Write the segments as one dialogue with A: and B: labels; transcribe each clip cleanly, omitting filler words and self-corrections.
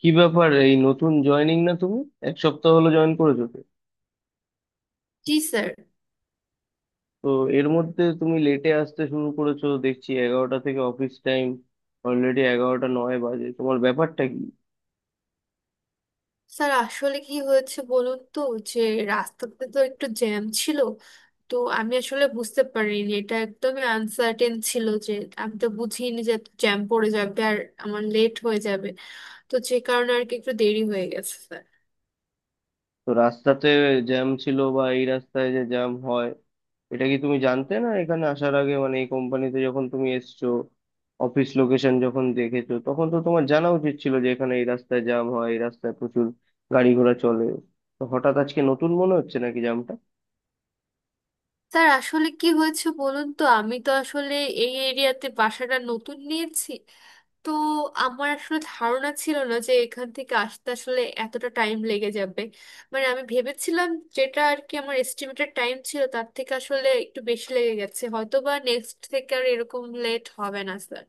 A: কি ব্যাপার, এই নতুন জয়েনিং না তুমি? এক সপ্তাহ হলো জয়েন করেছো তো
B: জি স্যার।
A: তো এর মধ্যে তুমি লেটে আসতে শুরু করেছো দেখছি। 11টা থেকে অফিস টাইম, অলরেডি 11:09 বাজে, তোমার ব্যাপারটা কি?
B: স্যার আসলে কি হয়েছে বলুন তো, যে রাস্তাতে তো একটু জ্যাম ছিল। তো আমি আসলে বুঝতে পারিনি, এটা একদমই আনসার্টেন ছিল, যে আমি তো বুঝিনি যে জ্যাম পড়ে যাবে আর আমার লেট হয়ে যাবে। তো যে কারণে আর কি একটু দেরি হয়ে গেছে স্যার।
A: তো রাস্তাতে জ্যাম ছিল বা এই রাস্তায় যে জ্যাম হয়, এটা কি তুমি জানতে না এখানে আসার আগে? মানে এই কোম্পানিতে যখন তুমি এসছো, অফিস লোকেশন যখন দেখেছো, তখন তো তোমার জানা উচিত ছিল যে এখানে এই রাস্তায় জ্যাম হয়, এই রাস্তায় প্রচুর গাড়ি ঘোড়া চলে। তো হঠাৎ আজকে নতুন মনে হচ্ছে নাকি জ্যাম?
B: স্যার আসলে কি হয়েছে বলুন তো, আমি তো আসলে এই এরিয়াতে বাসাটা নতুন নিয়েছি। তো আমার আসলে ধারণা ছিল না যে এখান থেকে আসতে আসলে এতটা টাইম লেগে যাবে। মানে আমি ভেবেছিলাম যেটা আর কি আমার এস্টিমেটেড টাইম ছিল তার থেকে আসলে একটু বেশি লেগে গেছে, হয়তো বা নেক্সট থেকে আর এরকম লেট হবে না স্যার।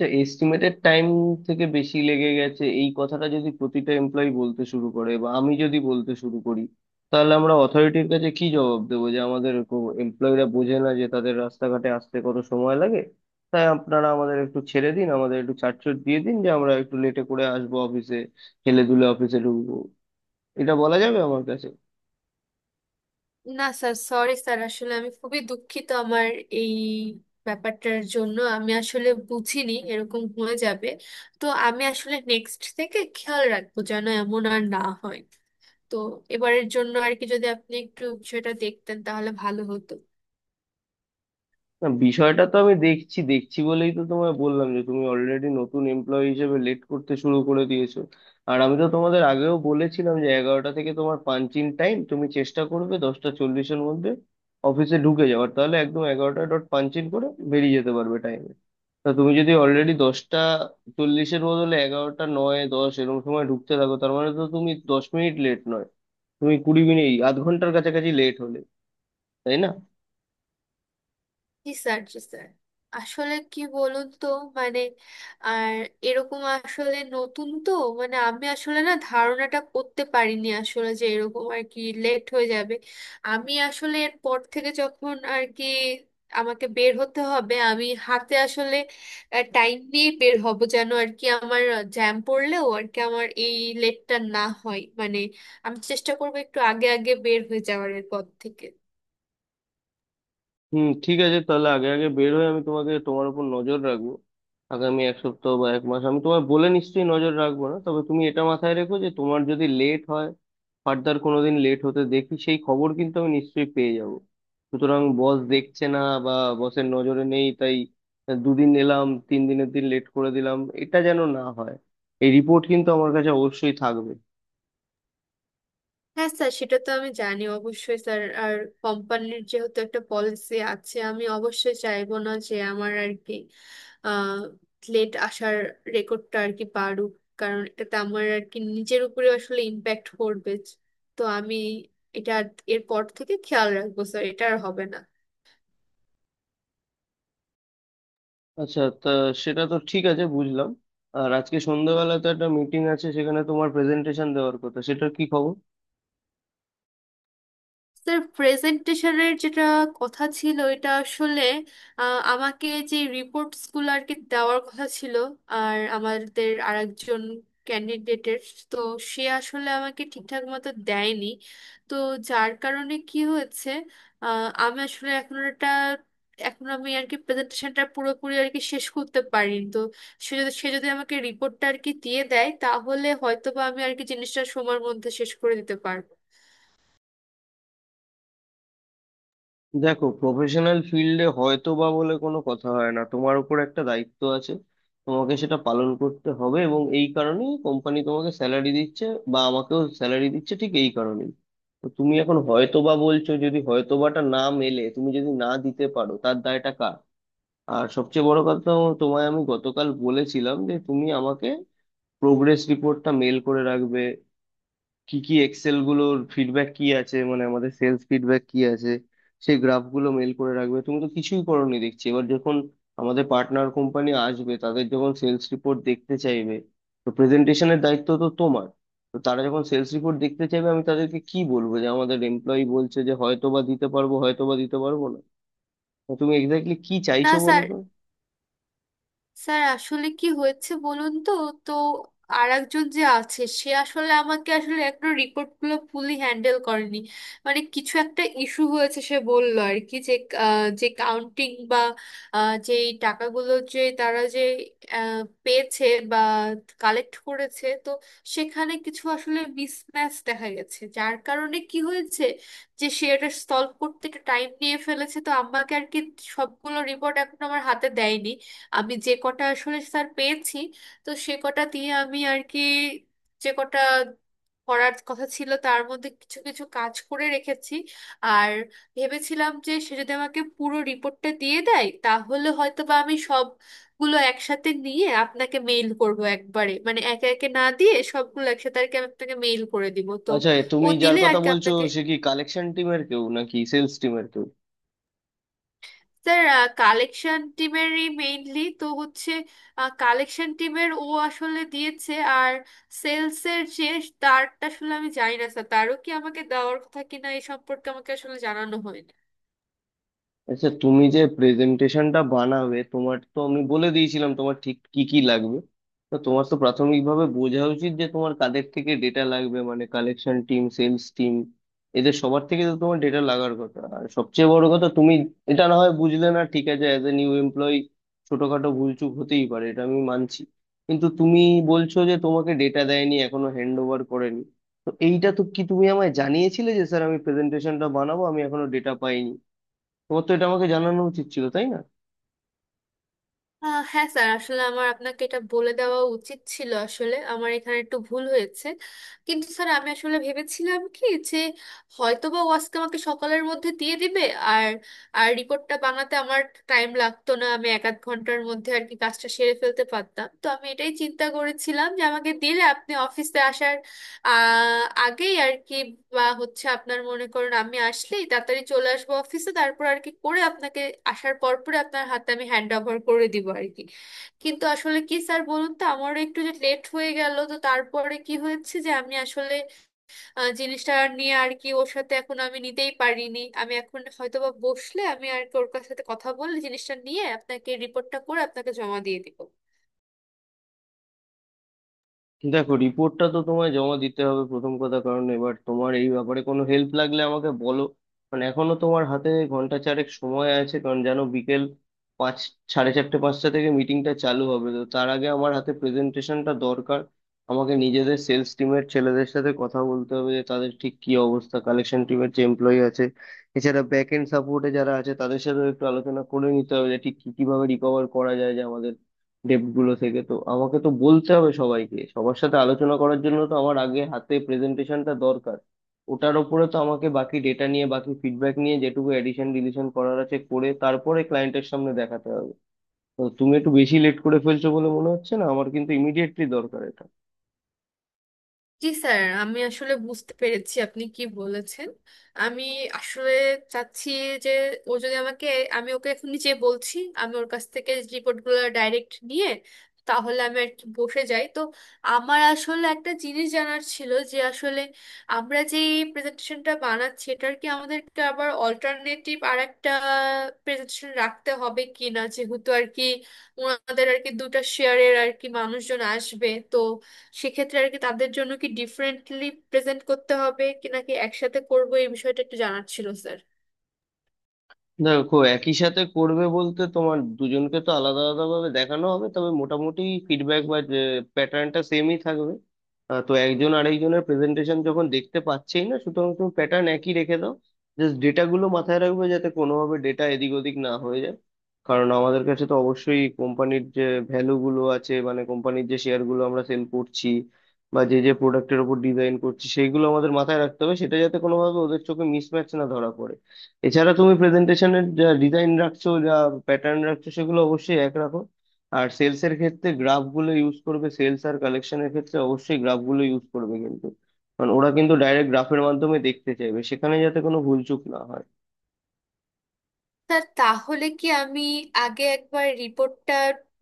A: আচ্ছা, এস্টিমেটেড টাইম থেকে বেশি লেগে গেছে, এই কথাটা যদি প্রতিটা এমপ্লয়ি বলতে শুরু করে বা আমি যদি বলতে শুরু করি, তাহলে আমরা অথরিটির কাছে কি জবাব দেবো? যে আমাদের এমপ্লয়িরা বোঝে না যে তাদের রাস্তাঘাটে আসতে কত সময় লাগে, তাই আপনারা আমাদের একটু ছেড়ে দিন, আমাদের একটু ছাড়ছুট দিয়ে দিন, যে আমরা একটু লেটে করে আসবো অফিসে, হেলে দুলে অফিসে ঢুকবো, এটা বলা যাবে আমার কাছে?
B: না স্যার, সরি স্যার, আসলে আমি খুবই দুঃখিত আমার এই ব্যাপারটার জন্য। আমি আসলে বুঝিনি এরকম হয়ে যাবে। তো আমি আসলে নেক্সট থেকে খেয়াল রাখবো যেন এমন আর না হয়। তো এবারের জন্য আর কি যদি আপনি একটু বিষয়টা দেখতেন তাহলে ভালো হতো।
A: না, বিষয়টা তো আমি দেখছি, দেখছি বলেই তো তোমায় বললাম যে তুমি অলরেডি নতুন এমপ্লয়ি হিসেবে লেট করতে শুরু করে দিয়েছো। আর আমি তো তোমাদের আগেও বলেছিলাম যে 11টা থেকে তোমার পাঞ্চিং টাইম, তুমি চেষ্টা করবে 10:40-এর মধ্যে অফিসে ঢুকে যাওয়ার, তাহলে একদম 11টা ডট পাঞ্চিং করে বেরিয়ে যেতে পারবে টাইমে। তা তুমি যদি অলরেডি 10টা চল্লিশের বদলে 11:09-10 এরকম সময় ঢুকতে থাকো, তার মানে তো তুমি 10 মিনিট লেট নয়, তুমি 20 মিনিট আধ ঘন্টার কাছাকাছি লেট হলে, তাই না?
B: জি স্যার, জি স্যার, আসলে কি বলুন তো, মানে আর এরকম আসলে নতুন তো, মানে আমি আসলে না ধারণাটা করতে পারিনি আসলে যে এরকম আর কি লেট হয়ে যাবে। আমি আসলে এরপর থেকে যখন আর কি আমাকে বের হতে হবে, আমি হাতে আসলে টাইম নিয়ে বের হব যেন আর কি আমার জ্যাম পড়লেও আর কি আমার এই লেটটা না হয়, মানে আমি চেষ্টা করবো একটু আগে আগে বের হয়ে যাওয়ার এরপর থেকে।
A: ঠিক আছে, তাহলে আগে আগে বের হয়ে আমি তোমাকে, তোমার উপর নজর রাখবো। আগামী এক সপ্তাহ বা এক মাস আমি তোমায় বলে নিশ্চয়ই নজর রাখবো না, তবে তুমি এটা মাথায় রেখো যে তোমার যদি লেট হয়, ফার্দার কোনোদিন লেট হতে দেখি সেই খবর কিন্তু আমি নিশ্চয়ই পেয়ে যাব। সুতরাং বস দেখছে না বা বসের নজরে নেই তাই দুদিন এলাম, তিন দিনের দিন লেট করে দিলাম, এটা যেন না হয়। এই রিপোর্ট কিন্তু আমার কাছে অবশ্যই থাকবে।
B: হ্যাঁ স্যার, সেটা তো আমি জানি অবশ্যই স্যার। আর কোম্পানির যেহেতু একটা পলিসি আছে, আমি অবশ্যই চাইবো না যে আমার আর কি আহ লেট আসার রেকর্ডটা আর কি বাড়ুক, কারণ এটাতে আমার আর কি নিজের উপরে আসলে ইম্প্যাক্ট পড়বে। তো আমি এটা এরপর থেকে খেয়াল রাখবো স্যার, এটা আর হবে না।
A: আচ্ছা, তা সেটা তো ঠিক আছে, বুঝলাম। আর আজকে সন্ধ্যাবেলা তো একটা মিটিং আছে, সেখানে তোমার প্রেজেন্টেশন দেওয়ার কথা, সেটার কি খবর?
B: স্যার প্রেজেন্টেশনের যেটা কথা ছিল এটা আসলে আমাকে যে রিপোর্টস গুলো আর কি দেওয়ার কথা ছিল আর আমাদের আরেকজন ক্যান্ডিডেটের, তো সে আসলে আমাকে ঠিকঠাক মতো দেয়নি। তো যার কারণে কি হয়েছে, আমি আসলে এখন এটা, এখন আমি আর কি প্রেজেন্টেশনটা পুরোপুরি আর কি শেষ করতে পারিনি। তো সে যদি আমাকে রিপোর্টটা আর কি দিয়ে দেয় তাহলে হয়তোবা আমি আর কি জিনিসটা সময়ের মধ্যে শেষ করে দিতে পারবো।
A: দেখো, প্রফেশনাল ফিল্ডে হয়তো বা বলে কোনো কথা হয় না। তোমার উপর একটা দায়িত্ব আছে, তোমাকে সেটা পালন করতে হবে, এবং এই কারণেই কোম্পানি তোমাকে স্যালারি দিচ্ছে বা আমাকেও স্যালারি দিচ্ছে, ঠিক এই কারণেই। তো তুমি এখন হয়তো বা বলছো, যদি হয়তোবাটা না মেলে, তুমি যদি না দিতে পারো, তার দায়টা কার? আর সবচেয়ে বড় কথা, তোমায় আমি গতকাল বলেছিলাম যে তুমি আমাকে প্রোগ্রেস রিপোর্টটা মেল করে রাখবে, কি কি এক্সেল গুলোর ফিডব্যাক কি আছে, মানে আমাদের সেলস ফিডব্যাক কি আছে, সেই গ্রাফগুলো মেল করে রাখবে। তুমি তো কিছুই করোনি দেখছি। এবার যখন আমাদের পার্টনার কোম্পানি আসবে, তাদের যখন সেলস রিপোর্ট দেখতে চাইবে, তো প্রেজেন্টেশনের দায়িত্ব তো তোমার। তো তারা যখন সেলস রিপোর্ট দেখতে চাইবে, আমি তাদেরকে কি বলবো? যে আমাদের এমপ্লয়ি বলছে যে হয়তো বা দিতে পারবো, হয়তো বা দিতে পারবো না? তো তুমি এক্স্যাক্টলি কি
B: না
A: চাইছো বলো
B: স্যার,
A: তো?
B: স্যার আসলে কি হয়েছে বলুন তো, তো আর একজন যে আছে সে আসলে আমাকে আসলে একটা রিপোর্টগুলো ফুলি হ্যান্ডেল করেনি। মানে কিছু একটা ইস্যু হয়েছে, সে বলল আর কি যে যে কাউন্টিং বা যে এই টাকাগুলো যে তারা যে পেয়েছে বা কালেক্ট করেছে, তো সেখানে কিছু আসলে মিসম্যাচ দেখা গেছে। যার কারণে কি হয়েছে যে সে এটা সলভ করতে একটা টাইম নিয়ে ফেলেছে, তো আমাকে আর কি সবগুলো রিপোর্ট এখন আমার হাতে দেয়নি। আমি যে কটা আসলে স্যার পেয়েছি তো সে কটা দিয়ে আমি আর কি যে কটা করার কথা ছিল তার মধ্যে কিছু কিছু কাজ করে রেখেছি। আর ভেবেছিলাম যে সে যদি আমাকে পুরো রিপোর্টটা দিয়ে দেয় তাহলে হয়তো বা আমি সবগুলো একসাথে নিয়ে আপনাকে মেইল করব একবারে, মানে একে একে না দিয়ে সবগুলো একসাথে আর কি আমি আপনাকে মেইল করে দিব। তো
A: আচ্ছা,
B: ও
A: তুমি যার
B: দিলে আর
A: কথা
B: কি
A: বলছো,
B: আপনাকে।
A: সে কি কালেকশন টিমের কেউ নাকি সেলস টিমের?
B: স্যার কালেকশন টিমেরই মেইনলি তো হচ্ছে, কালেকশন টিমের ও আসলে দিয়েছে। আর সেলসের যে তারটা আসলে আমি জানি না স্যার, তারও কি আমাকে দেওয়ার কথা কিনা এই সম্পর্কে আমাকে আসলে জানানো হয়নি।
A: আচ্ছা, তুমি যে প্রেজেন্টেশনটা বানাবে, তোমার তো আমি বলে দিয়েছিলাম তোমার ঠিক কি কি লাগবে। তো তোমার তো প্রাথমিকভাবে বোঝা উচিত যে তোমার কাদের থেকে ডেটা লাগবে, মানে কালেকশন টিম, সেলস টিম, এদের সবার থেকে তো তোমার ডেটা লাগার কথা। আর সবচেয়ে বড় কথা, তুমি এটা না হয় বুঝলে না, ঠিক আছে, অ্যাজ এ নিউ এমপ্লয়ি ছোটখাটো ভুলচুক হতেই পারে, এটা আমি মানছি। কিন্তু তুমি বলছো যে তোমাকে ডেটা দেয়নি, এখনো হ্যান্ড ওভার করেনি, তো এইটা তো কি তুমি আমায় জানিয়েছিলে যে, স্যার, আমি প্রেজেন্টেশনটা বানাবো, আমি এখনো ডেটা পাইনি? তোমার তো এটা আমাকে জানানো উচিত ছিল, তাই না?
B: হ্যাঁ স্যার, আসলে আমার আপনাকে এটা বলে দেওয়া উচিত ছিল, আসলে আমার এখানে একটু ভুল হয়েছে। কিন্তু স্যার আমি আসলে ভেবেছিলাম কি যে হয়তোবা ও আজকে আমাকে সকালের মধ্যে দিয়ে দিবে। আর আর রিপোর্টটা বানাতে আমার টাইম লাগতো না, আমি এক আধ ঘন্টার মধ্যে আর কি কাজটা সেরে ফেলতে পারতাম। তো আমি এটাই চিন্তা করেছিলাম যে আমাকে দিলে আপনি অফিসে আসার আগেই আর কি বা হচ্ছে আপনার মনে করুন আমি আসলেই তাড়াতাড়ি চলে আসবো অফিসে, তারপর আর কি করে আপনাকে আসার পর পরে আপনার হাতে আমি হ্যান্ড ওভার করে দিব আর কি। কিন্তু আসলে কি স্যার বলুন তো, আমারও একটু যে লেট হয়ে গেল তো তারপরে কি হয়েছে যে আমি আসলে জিনিসটা নিয়ে আর কি ওর সাথে এখন আমি নিতেই পারিনি। আমি এখন হয়তো বা বসলে আমি আর কি ওর সাথে কথা বলে জিনিসটা নিয়ে আপনাকে রিপোর্টটা করে আপনাকে জমা দিয়ে দিব।
A: দেখো, রিপোর্টটা তো তোমায় জমা দিতে হবে, প্রথম কথা। কারণ এবার তোমার এই ব্যাপারে কোনো হেল্প লাগলে আমাকে বলো। মানে এখনো তোমার হাতে ঘন্টা চারেক সময় আছে, কারণ জানো, বিকেল পাঁচ, 4:30 5টা থেকে মিটিংটা চালু হবে, তো তার আগে আমার হাতে প্রেজেন্টেশনটা দরকার। আমাকে নিজেদের সেলস টিমের ছেলেদের সাথে কথা বলতে হবে যে তাদের ঠিক কি অবস্থা, কালেকশন টিমের যে এমপ্লয়ি আছে, এছাড়া ব্যাক এন্ড সাপোর্টে যারা আছে তাদের সাথেও একটু আলোচনা করে নিতে হবে যে ঠিক কি, কিভাবে রিকভার করা যায় যে আমাদের ডেপ্ট গুলো থেকে। তো আমাকে তো বলতে হবে সবাইকে, সবার সাথে আলোচনা করার জন্য তো আমার আগে হাতে প্রেজেন্টেশনটা দরকার। ওটার উপরে তো আমাকে বাকি ডেটা নিয়ে, বাকি ফিডব্যাক নিয়ে যেটুকু এডিশন ডিলিশন করার আছে করে, তারপরে ক্লায়েন্টের সামনে দেখাতে হবে। তো তুমি একটু বেশি লেট করে ফেলছো বলে মনে হচ্ছে না আমার, কিন্তু ইমিডিয়েটলি দরকার এটা।
B: জি স্যার, আমি আসলে বুঝতে পেরেছি আপনি কি বলেছেন। আমি আসলে চাচ্ছি যে ও যদি আমাকে, আমি ওকে এখনই যে বলছি, আমি ওর কাছ থেকে রিপোর্টগুলো ডাইরেক্ট নিয়ে তাহলে আমি আর কি বসে যাই। তো আমার আসলে একটা জিনিস জানার ছিল যে আসলে আমরা যে প্রেজেন্টেশনটা বানাচ্ছি এটার কি আমাদেরকে আবার অল্টারনেটিভ আর একটা প্রেজেন্টেশন রাখতে হবে কিনা, যেহেতু আর কি ওনাদের আর কি দুটা শেয়ারের আর কি মানুষজন আসবে, তো সেক্ষেত্রে আর কি তাদের জন্য কি ডিফারেন্টলি প্রেজেন্ট করতে হবে কি নাকি একসাথে করবো, এই বিষয়টা একটু জানার ছিল স্যার।
A: দেখো, একই সাথে করবে বলতে, তোমার দুজনকে তো আলাদা আলাদা ভাবে দেখানো হবে, তবে মোটামুটি ফিডব্যাক বা প্যাটার্নটা সেমই থাকবে। তো একজন আরেকজনের প্রেজেন্টেশন যখন দেখতে পাচ্ছেই না, সুতরাং তুমি প্যাটার্ন একই রেখে দাও। জাস্ট ডেটাগুলো মাথায় রাখবে যাতে কোনোভাবে ডেটা এদিক ওদিক না হয়ে যায়। কারণ আমাদের কাছে তো অবশ্যই কোম্পানির যে ভ্যালুগুলো আছে, মানে কোম্পানির যে শেয়ারগুলো আমরা সেল করছি বা যে যে প্রোডাক্টের উপর ডিজাইন করছি, সেইগুলো আমাদের মাথায় রাখতে হবে, সেটা যাতে কোনোভাবে ওদের চোখে মিসম্যাচ না ধরা পড়ে। এছাড়া তুমি প্রেজেন্টেশনের যা ডিজাইন রাখছো, যা প্যাটার্ন রাখছো, সেগুলো অবশ্যই এক রাখো। আর সেলস এর ক্ষেত্রে গ্রাফ গুলো ইউজ করবে, সেলস আর কালেকশনের ক্ষেত্রে অবশ্যই গ্রাফ গুলো ইউজ করবে, কিন্তু কারণ ওরা কিন্তু ডাইরেক্ট গ্রাফের মাধ্যমে দেখতে চাইবে, সেখানে যাতে কোনো ভুলচুক না হয়।
B: স্যার তাহলে কি আমি আগে একবার রিপোর্টটা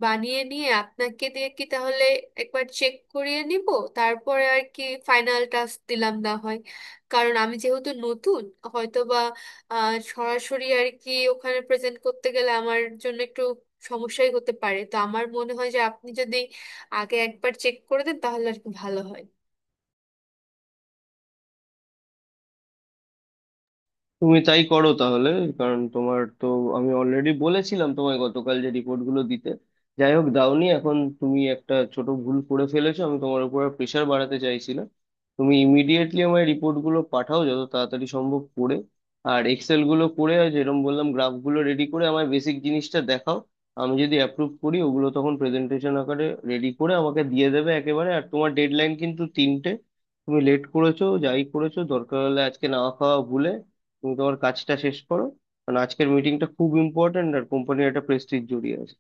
B: বানিয়ে নিয়ে আপনাকে দিয়ে কি তাহলে একবার চেক করিয়ে নিব, তারপরে আর কি ফাইনাল টাস্ক দিলাম না হয়। কারণ আমি যেহেতু নতুন, হয়তো বা সরাসরি আর কি ওখানে প্রেজেন্ট করতে গেলে আমার জন্য একটু সমস্যাই হতে পারে। তো আমার মনে হয় যে আপনি যদি আগে একবার চেক করে দেন তাহলে আর কি ভালো হয়।
A: তুমি তাই করো তাহলে। কারণ তোমার তো আমি অলরেডি বলেছিলাম তোমায় গতকাল যে রিপোর্ট গুলো দিতে। যাই হোক, দাওনি। এখন তুমি একটা ছোট ভুল করে ফেলেছো, আমি তোমার উপর প্রেশার বাড়াতে চাইছিলাম। তুমি ইমিডিয়েটলি আমার রিপোর্ট গুলো পাঠাও, যত তাড়াতাড়ি সম্ভব করে। আর এক্সেল গুলো করে, আর যেরকম বললাম গ্রাফ গুলো রেডি করে আমার বেসিক জিনিসটা দেখাও। আমি যদি অ্যাপ্রুভ করি ওগুলো, তখন প্রেজেন্টেশন আকারে রেডি করে আমাকে দিয়ে দেবে একেবারে। আর তোমার ডেডলাইন কিন্তু 3টা। তুমি লেট করেছো যাই করেছো, দরকার হলে আজকে না খাওয়া ভুলে তুমি তোমার কাজটা শেষ করো। কারণ আজকের মিটিংটা খুব ইম্পর্ট্যান্ট আর কোম্পানির একটা প্রেস্টিজ জড়িয়ে আছে।